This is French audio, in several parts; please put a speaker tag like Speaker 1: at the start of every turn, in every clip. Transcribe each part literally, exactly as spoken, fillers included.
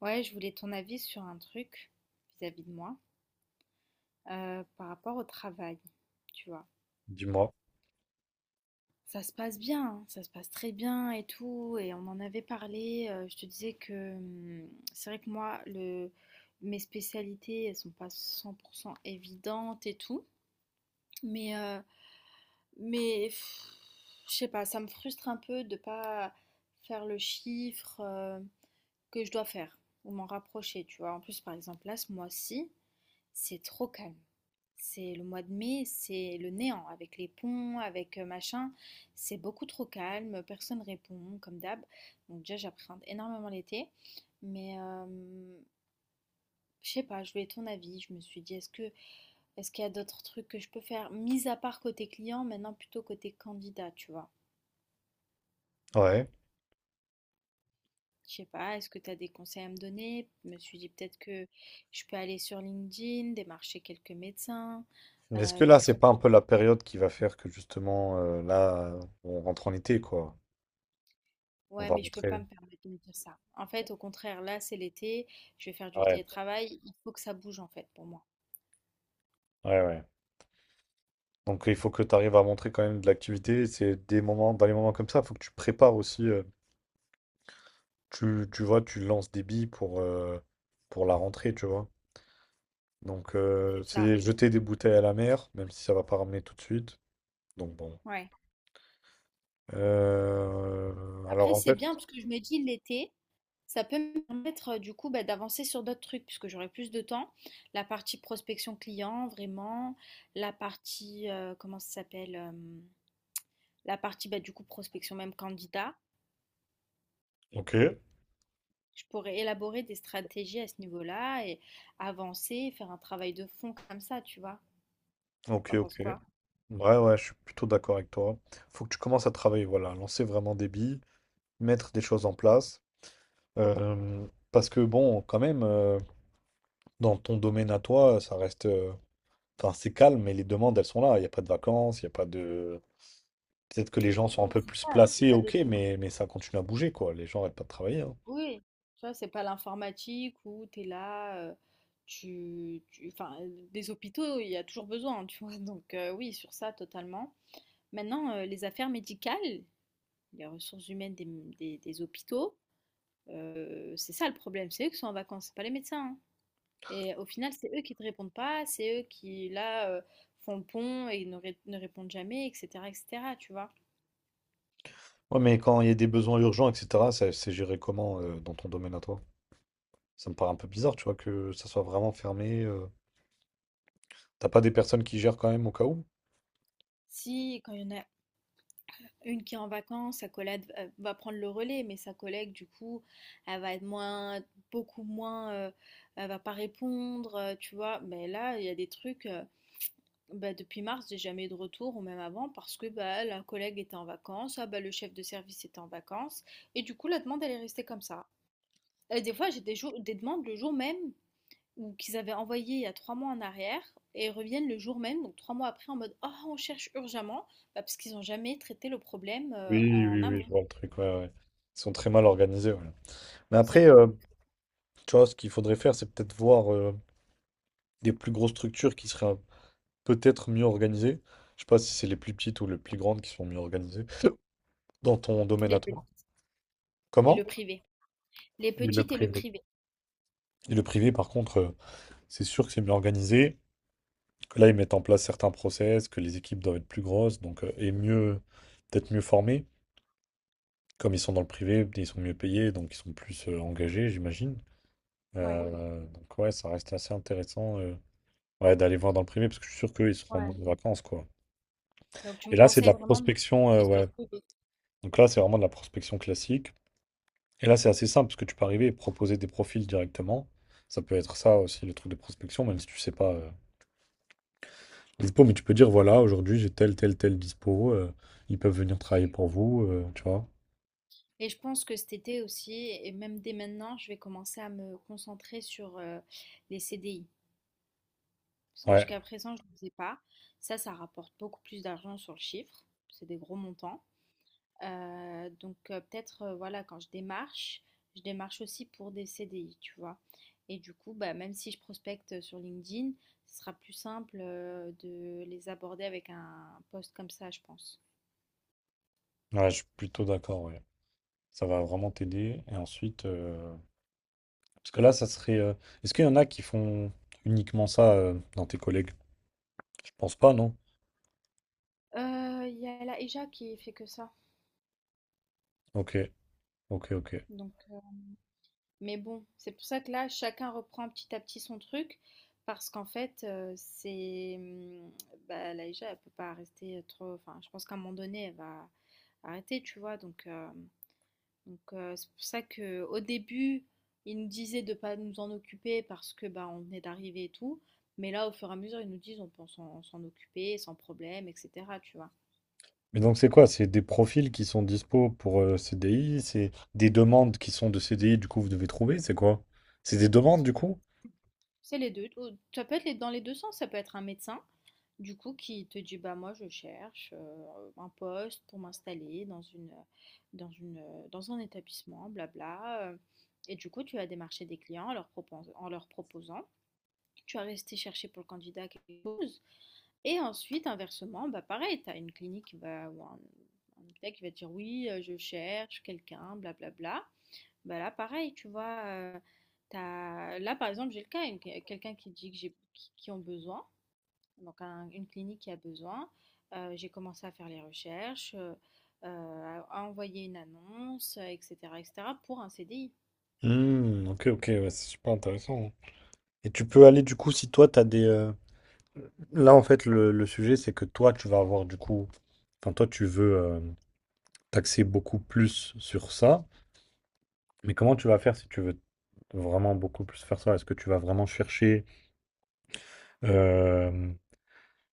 Speaker 1: Ouais, je voulais ton avis sur un truc vis-à-vis de moi, euh, par rapport au travail, tu vois.
Speaker 2: Dis-moi.
Speaker 1: Ça se passe bien, hein, ça se passe très bien et tout, et on en avait parlé. Euh, je te disais que hum, c'est vrai que moi, le, mes spécialités, elles sont pas cent pour cent évidentes et tout, mais, euh, mais pff, je sais pas, ça me frustre un peu de pas faire le chiffre euh, que je dois faire ou m'en rapprocher, tu vois. En plus, par exemple, là, ce mois-ci, c'est trop calme. C'est le mois de mai, c'est le néant avec les ponts, avec euh, machin. C'est beaucoup trop calme, personne répond comme d'hab. Donc déjà j'appréhende énormément l'été, mais euh, je sais pas, je voulais ton avis. Je me suis dit est-ce que est-ce qu'il y a d'autres trucs que je peux faire mis à part côté client, maintenant plutôt côté candidat, tu vois.
Speaker 2: Ouais.
Speaker 1: Je sais pas, est-ce que tu as des conseils à me donner? Je me suis dit peut-être que je peux aller sur LinkedIn, démarcher quelques médecins,
Speaker 2: Mais est-ce
Speaker 1: euh,
Speaker 2: que là,
Speaker 1: leur
Speaker 2: c'est pas un
Speaker 1: proposer.
Speaker 2: peu la période qui va faire que justement, euh, là, on rentre en été, quoi. On
Speaker 1: Ouais,
Speaker 2: va
Speaker 1: mais je peux
Speaker 2: rentrer.
Speaker 1: pas me permettre de me dire ça. En fait, au contraire, là, c'est l'été, je vais faire du
Speaker 2: Ouais,
Speaker 1: télétravail, il faut que ça bouge en fait pour moi.
Speaker 2: ouais, ouais. Donc il faut que tu arrives à montrer quand même de l'activité. C'est des moments, dans les moments comme ça, il faut que tu prépares aussi, euh, tu, tu vois, tu lances des billes pour, euh, pour la rentrée, tu vois. Donc euh,
Speaker 1: C'est ça,
Speaker 2: c'est jeter des bouteilles à la mer, même si ça va pas ramener tout de suite. Donc bon.
Speaker 1: ouais.
Speaker 2: Euh, alors
Speaker 1: Après,
Speaker 2: en
Speaker 1: c'est
Speaker 2: fait.
Speaker 1: bien parce que je me dis l'été, ça peut me permettre euh, du coup bah, d'avancer sur d'autres trucs puisque j'aurai plus de temps. La partie prospection client, vraiment, la partie, euh, comment ça s'appelle, euh, la partie bah, du coup prospection même candidat.
Speaker 2: Ok,
Speaker 1: Je pourrais élaborer des stratégies à ce niveau-là et avancer, faire un travail de fond comme ça, tu vois.
Speaker 2: ok,
Speaker 1: T'en penses
Speaker 2: ok.
Speaker 1: quoi?
Speaker 2: Ouais, ouais, je suis plutôt d'accord avec toi. Faut que tu commences à travailler, voilà, lancer vraiment des billes, mettre des choses en place. Euh, Parce que bon, quand même, euh, dans ton domaine à toi, ça reste. euh, Enfin, c'est calme, mais les demandes, elles sont là. Il n'y a pas de vacances, il n'y a pas de. Peut-être que les gens sont un
Speaker 1: Oui,
Speaker 2: peu
Speaker 1: c'est
Speaker 2: plus
Speaker 1: ça, c'est
Speaker 2: placés,
Speaker 1: pas des
Speaker 2: ok,
Speaker 1: trucs-
Speaker 2: mais, mais ça continue à bouger, quoi. Les gens n'arrêtent pas de travailler, hein.
Speaker 1: oui, tu vois, c'est pas l'informatique où tu es là, euh, tu, tu- enfin, euh, des hôpitaux, il y a toujours besoin, hein, tu vois. Donc euh, oui, sur ça, totalement. Maintenant, euh, les affaires médicales, les ressources humaines des, des- des hôpitaux, euh, c'est ça le problème, c'est eux qui sont en vacances, c'est pas les médecins, hein. Et au final, c'est eux qui te répondent pas, c'est eux qui, là, euh, font le pont et ne, ré- ne répondent jamais, et cetera, et cetera, tu vois.
Speaker 2: Ouais, mais quand il y a des besoins urgents, et cetera, ça- c'est géré comment, euh, dans ton domaine à toi? Ça me paraît un peu bizarre, tu vois, que ça soit vraiment fermé. euh. T'as pas des personnes qui gèrent quand même au cas où?
Speaker 1: Si, quand il y en a une qui est en vacances, sa collègue euh, va prendre le relais, mais sa collègue, du coup, elle va être moins, beaucoup moins, euh, elle va pas répondre, euh, tu vois. Mais là, il y a des trucs, euh, bah, depuis mars, j'ai jamais eu de retour, ou même avant, parce que bah, la collègue était en vacances, ah, bah, le chef de service était en vacances, et du coup, la demande, elle est restée comme ça. Et des fois, j'ai des jours, des demandes le jour même, ou qu'ils avaient envoyé il y a trois mois en arrière, et reviennent le jour même, donc trois mois après, en mode, oh, on cherche urgemment, bah, parce qu'ils n'ont jamais traité le problème euh,
Speaker 2: Oui,
Speaker 1: en
Speaker 2: oui, oui, je
Speaker 1: amont.
Speaker 2: vois le truc, ouais, ouais. Ils sont très mal organisés, ouais. Mais après,
Speaker 1: Service
Speaker 2: euh,
Speaker 1: public.
Speaker 2: tu vois, ce qu'il faudrait faire, c'est peut-être voir euh, des plus grosses structures qui seraient peut-être mieux organisées. Je sais pas si c'est les plus petites ou les plus grandes qui sont mieux organisées dans ton domaine
Speaker 1: Les
Speaker 2: à
Speaker 1: petits
Speaker 2: toi.
Speaker 1: et
Speaker 2: Comment?
Speaker 1: le privé. Les
Speaker 2: Et le
Speaker 1: petites et le
Speaker 2: privé.
Speaker 1: privé.
Speaker 2: Et le privé, par contre, euh, c'est sûr que c'est mieux organisé, que là, ils mettent en place certains process, que les équipes doivent être plus grosses, donc, euh, et mieux, peut-être mieux formées. Comme ils sont dans le privé, ils sont mieux payés, donc ils sont plus euh, engagés, j'imagine.
Speaker 1: Ouais,
Speaker 2: Euh, donc, ouais, ça reste assez intéressant, euh, ouais, d'aller voir dans le privé, parce que je suis sûr qu'ils seront
Speaker 1: ouais.
Speaker 2: en vacances, quoi.
Speaker 1: Donc tu me
Speaker 2: Et là, c'est de
Speaker 1: conseilles
Speaker 2: la
Speaker 1: vraiment de me
Speaker 2: prospection, euh,
Speaker 1: concentrer sur
Speaker 2: ouais.
Speaker 1: le privé.
Speaker 2: Donc là, c'est vraiment de la prospection classique. Et là, c'est assez simple parce que tu peux arriver et proposer des profils directement. Ça peut être ça aussi, le truc de prospection, même si tu sais pas, euh, les dispo, mais tu peux dire voilà, aujourd'hui j'ai tel, tel, tel dispo, euh, ils peuvent venir travailler pour vous, euh, tu vois.
Speaker 1: Et je pense que cet été aussi, et même dès maintenant, je vais commencer à me concentrer sur euh, les C D I. Parce que
Speaker 2: Ouais,
Speaker 1: jusqu'à présent, je ne le faisais pas. Ça, ça rapporte beaucoup plus d'argent sur le chiffre. C'est des gros montants. Euh, donc euh, peut-être, euh, voilà, quand je démarche, je démarche aussi pour des C D I, tu vois. Et du coup, bah, même si je prospecte sur LinkedIn, ce sera plus simple euh, de les aborder avec un post comme ça, je pense.
Speaker 2: ouais, je suis plutôt d'accord, ouais. Ça va vraiment t'aider. Et ensuite, euh, parce que là, ça serait. Euh, Est-ce qu'il y en a qui font uniquement ça, euh, dans tes collègues? Je pense pas, non?
Speaker 1: Euh, Il y a la E J A qui fait que ça.
Speaker 2: Ok, ok, ok.
Speaker 1: Donc, euh, mais bon, c'est pour ça que là, chacun reprend petit à petit son truc. Parce qu'en fait, euh, c'est. Hum, Bah, la E J A, elle peut pas rester trop. Enfin, je pense qu'à un moment donné, elle va arrêter, tu vois. Donc, euh, Donc, euh, c'est pour ça que au début, ils nous disaient de ne pas nous en occuper parce que bah, on venait d'arriver et tout. Mais là, au fur et à mesure, ils nous disent on peut s'en s'en occuper sans problème, et cetera. Tu vois.
Speaker 2: Mais donc c'est quoi? C'est des profils qui sont dispo pour, euh, C D I, c'est des demandes qui sont de C D I, du coup vous devez trouver, c'est quoi? C'est des demandes du coup?
Speaker 1: C'est les deux. Ça peut être dans les deux sens. Ça peut être un médecin, du coup, qui te dit bah moi je cherche euh, un poste pour m'installer dans une, dans une, euh, dans un établissement, blabla. euh, Et du coup, tu vas démarcher des clients en leur propos- en leur proposant. Tu vas rester chercher pour le candidat quelque chose. Et ensuite, inversement, bah pareil, tu as une clinique qui va, ou un, un hôpital qui va te dire oui, euh, je cherche quelqu'un, blablabla. Bah là, pareil, tu vois, euh, t'as- là, par exemple, j'ai le cas, une- quelqu'un qui dit que j'ai, qui, qui ont besoin, donc un- une clinique qui a besoin. Euh, j'ai commencé à faire les recherches, euh, euh, à à envoyer une annonce, euh, et cetera, et cetera, pour un C D I.
Speaker 2: Hmm, ok, ok, ouais, c'est super intéressant. Et tu peux aller du coup si toi t'as des... euh, Là en fait le, le sujet c'est que toi tu vas avoir du coup... Enfin toi tu veux euh, t'axer beaucoup plus sur ça, mais comment tu vas faire si tu veux vraiment beaucoup plus faire ça? Est-ce que tu vas vraiment chercher... euh,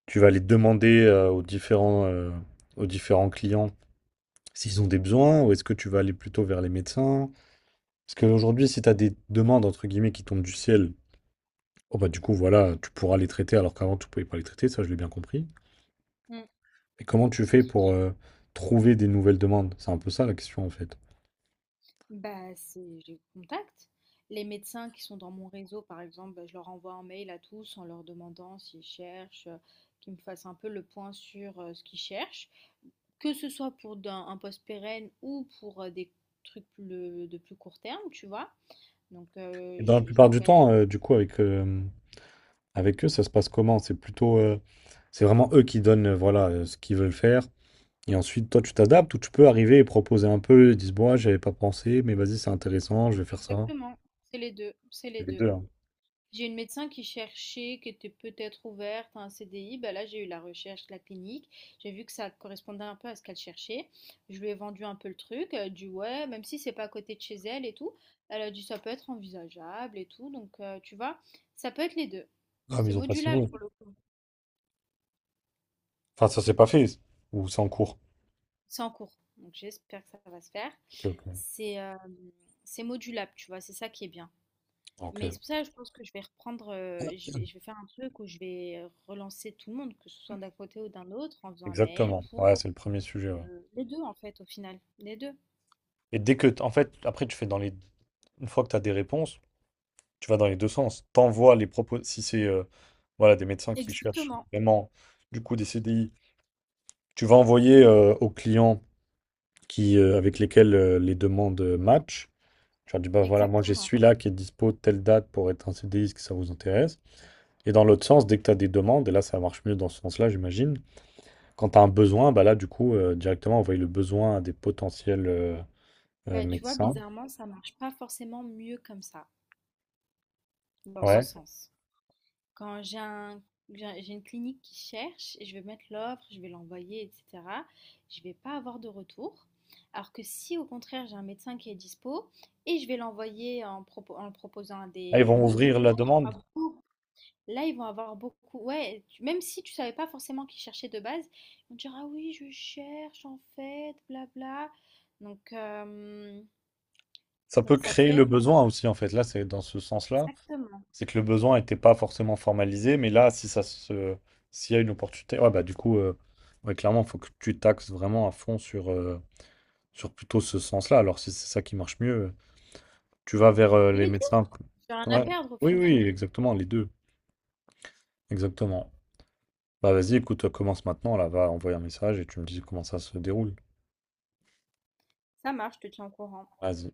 Speaker 2: tu vas aller demander, euh, aux différents, euh, aux différents clients s'ils ont des besoins, ou est-ce que tu vas aller plutôt vers les médecins? Parce qu'aujourd'hui, si tu as des demandes, entre guillemets, qui tombent du ciel, oh bah du coup, voilà, tu pourras les traiter alors qu'avant, tu ne pouvais pas les traiter, ça, je l'ai bien compris. Et comment tu fais pour euh, trouver des nouvelles demandes? C'est un peu ça la question, en fait.
Speaker 1: Bah, c'est je les contacte. Les médecins qui sont dans mon réseau, par exemple, bah, je leur envoie un mail à tous en leur demandant s'ils cherchent, euh, qu'ils me fassent un peu le point sur euh, ce qu'ils cherchent, que ce soit pour d'un- un poste pérenne ou pour euh, des trucs plus- de plus court terme, tu vois. Donc,
Speaker 2: Et
Speaker 1: euh,
Speaker 2: dans la
Speaker 1: je, je
Speaker 2: plupart du
Speaker 1: m'organise.
Speaker 2: temps, euh, du coup, avec, euh, avec eux, ça se passe comment? C'est plutôt, euh, c'est vraiment eux qui donnent, euh, voilà, euh, ce qu'ils veulent faire. Et ensuite, toi, tu t'adaptes ou tu peux arriver et proposer un peu. Ils disent, bon, ouais, j'avais pas pensé, mais vas-y, c'est intéressant, je vais faire ça.
Speaker 1: Exactement, c'est les deux, c'est les
Speaker 2: C'est les
Speaker 1: deux.
Speaker 2: deux, hein.
Speaker 1: J'ai une médecin qui cherchait, qui était peut-être ouverte à un C D I. Bah là, j'ai eu la recherche, de la clinique. J'ai vu que ça correspondait un peu à ce qu'elle cherchait. Je lui ai vendu un peu le truc. Elle a dit ouais, même si c'est pas à côté de chez elle et tout. Elle a dit ça peut être envisageable et tout. Donc, euh, tu vois, ça peut être les deux.
Speaker 2: Ah, mais
Speaker 1: C'est
Speaker 2: ils ont pas
Speaker 1: modulable
Speaker 2: signé.
Speaker 1: pour le coup.
Speaker 2: Enfin, ça s'est pas fait. Ou c'est en cours.
Speaker 1: C'est en cours. Donc, j'espère que ça va se faire.
Speaker 2: Ok, ok.
Speaker 1: C'est euh, c'est modulable, tu vois. C'est ça qui est bien.
Speaker 2: Ok.
Speaker 1: Mais c'est pour ça, je pense que je vais reprendre, heu, je vais je vais faire un truc où je vais relancer tout le monde, que ce soit d'un côté ou d'un autre, en faisant un mail
Speaker 2: Exactement. Ouais,
Speaker 1: pour,
Speaker 2: c'est le premier sujet, ouais.
Speaker 1: heu, les deux en fait, au final, les deux.
Speaker 2: Et dès que, t- en fait, après, tu fais dans les. Une fois que tu as des réponses, tu vas dans les deux sens. T'envoies les propos. Si c'est, euh, voilà, des médecins qui cherchent
Speaker 1: Exactement,
Speaker 2: vraiment, du coup, des C D I, tu vas envoyer, euh, aux clients qui, euh, avec lesquels, euh, les demandes, euh, matchent. Je leur dis, bah voilà, moi j'ai
Speaker 1: exactement.
Speaker 2: celui-là qui est dispo telle date pour être en C D I, est-ce que ça vous intéresse? Et dans l'autre sens, dès que tu as des demandes, et là ça marche mieux dans ce sens-là, j'imagine, quand tu as un besoin, bah là du coup, euh, directement envoyer le besoin à des potentiels, euh, euh,
Speaker 1: Bah, tu vois,
Speaker 2: médecins.
Speaker 1: bizarrement, ça marche pas forcément mieux comme ça, dans ce
Speaker 2: Ouais.
Speaker 1: sens. Quand j'ai un j'ai j'ai une clinique qui cherche et je vais mettre l'offre, je vais l'envoyer, et cetera, je vais pas avoir de retour. Alors que si au contraire j'ai un médecin qui est dispo et je vais l'envoyer en, propo- en le proposant à
Speaker 2: Ah,
Speaker 1: des
Speaker 2: ils vont
Speaker 1: cliniques,
Speaker 2: ouvrir
Speaker 1: là,
Speaker 2: la
Speaker 1: il y aura
Speaker 2: demande.
Speaker 1: beaucoup- là, ils vont avoir beaucoup. Ouais, tu- même si tu savais pas forcément qui cherchait de base, ils vont te dire ah oui je cherche en fait, blabla. Donc euh,
Speaker 2: Ça peut
Speaker 1: donc ça
Speaker 2: créer
Speaker 1: peut
Speaker 2: le
Speaker 1: être
Speaker 2: besoin aussi, en fait. Là, c'est dans ce sens-là.
Speaker 1: exactement.
Speaker 2: C'est que le besoin n'était pas forcément formalisé, mais là, si ça se... s'il y a une opportunité, ouais, bah du coup, euh, ouais, clairement, il faut que tu taxes vraiment à fond sur. euh, sur plutôt ce sens-là. Alors, si c'est ça qui marche mieux, tu vas vers, euh, les
Speaker 1: Les deux,
Speaker 2: médecins.
Speaker 1: j'ai rien à
Speaker 2: Ouais.
Speaker 1: perdre au
Speaker 2: Oui,
Speaker 1: final.
Speaker 2: oui, exactement, les deux. Exactement. Bah, vas-y, écoute, commence maintenant, là, va envoyer un message et tu me dis comment ça se déroule.
Speaker 1: Ça marche, je te tiens au courant.
Speaker 2: Vas-y.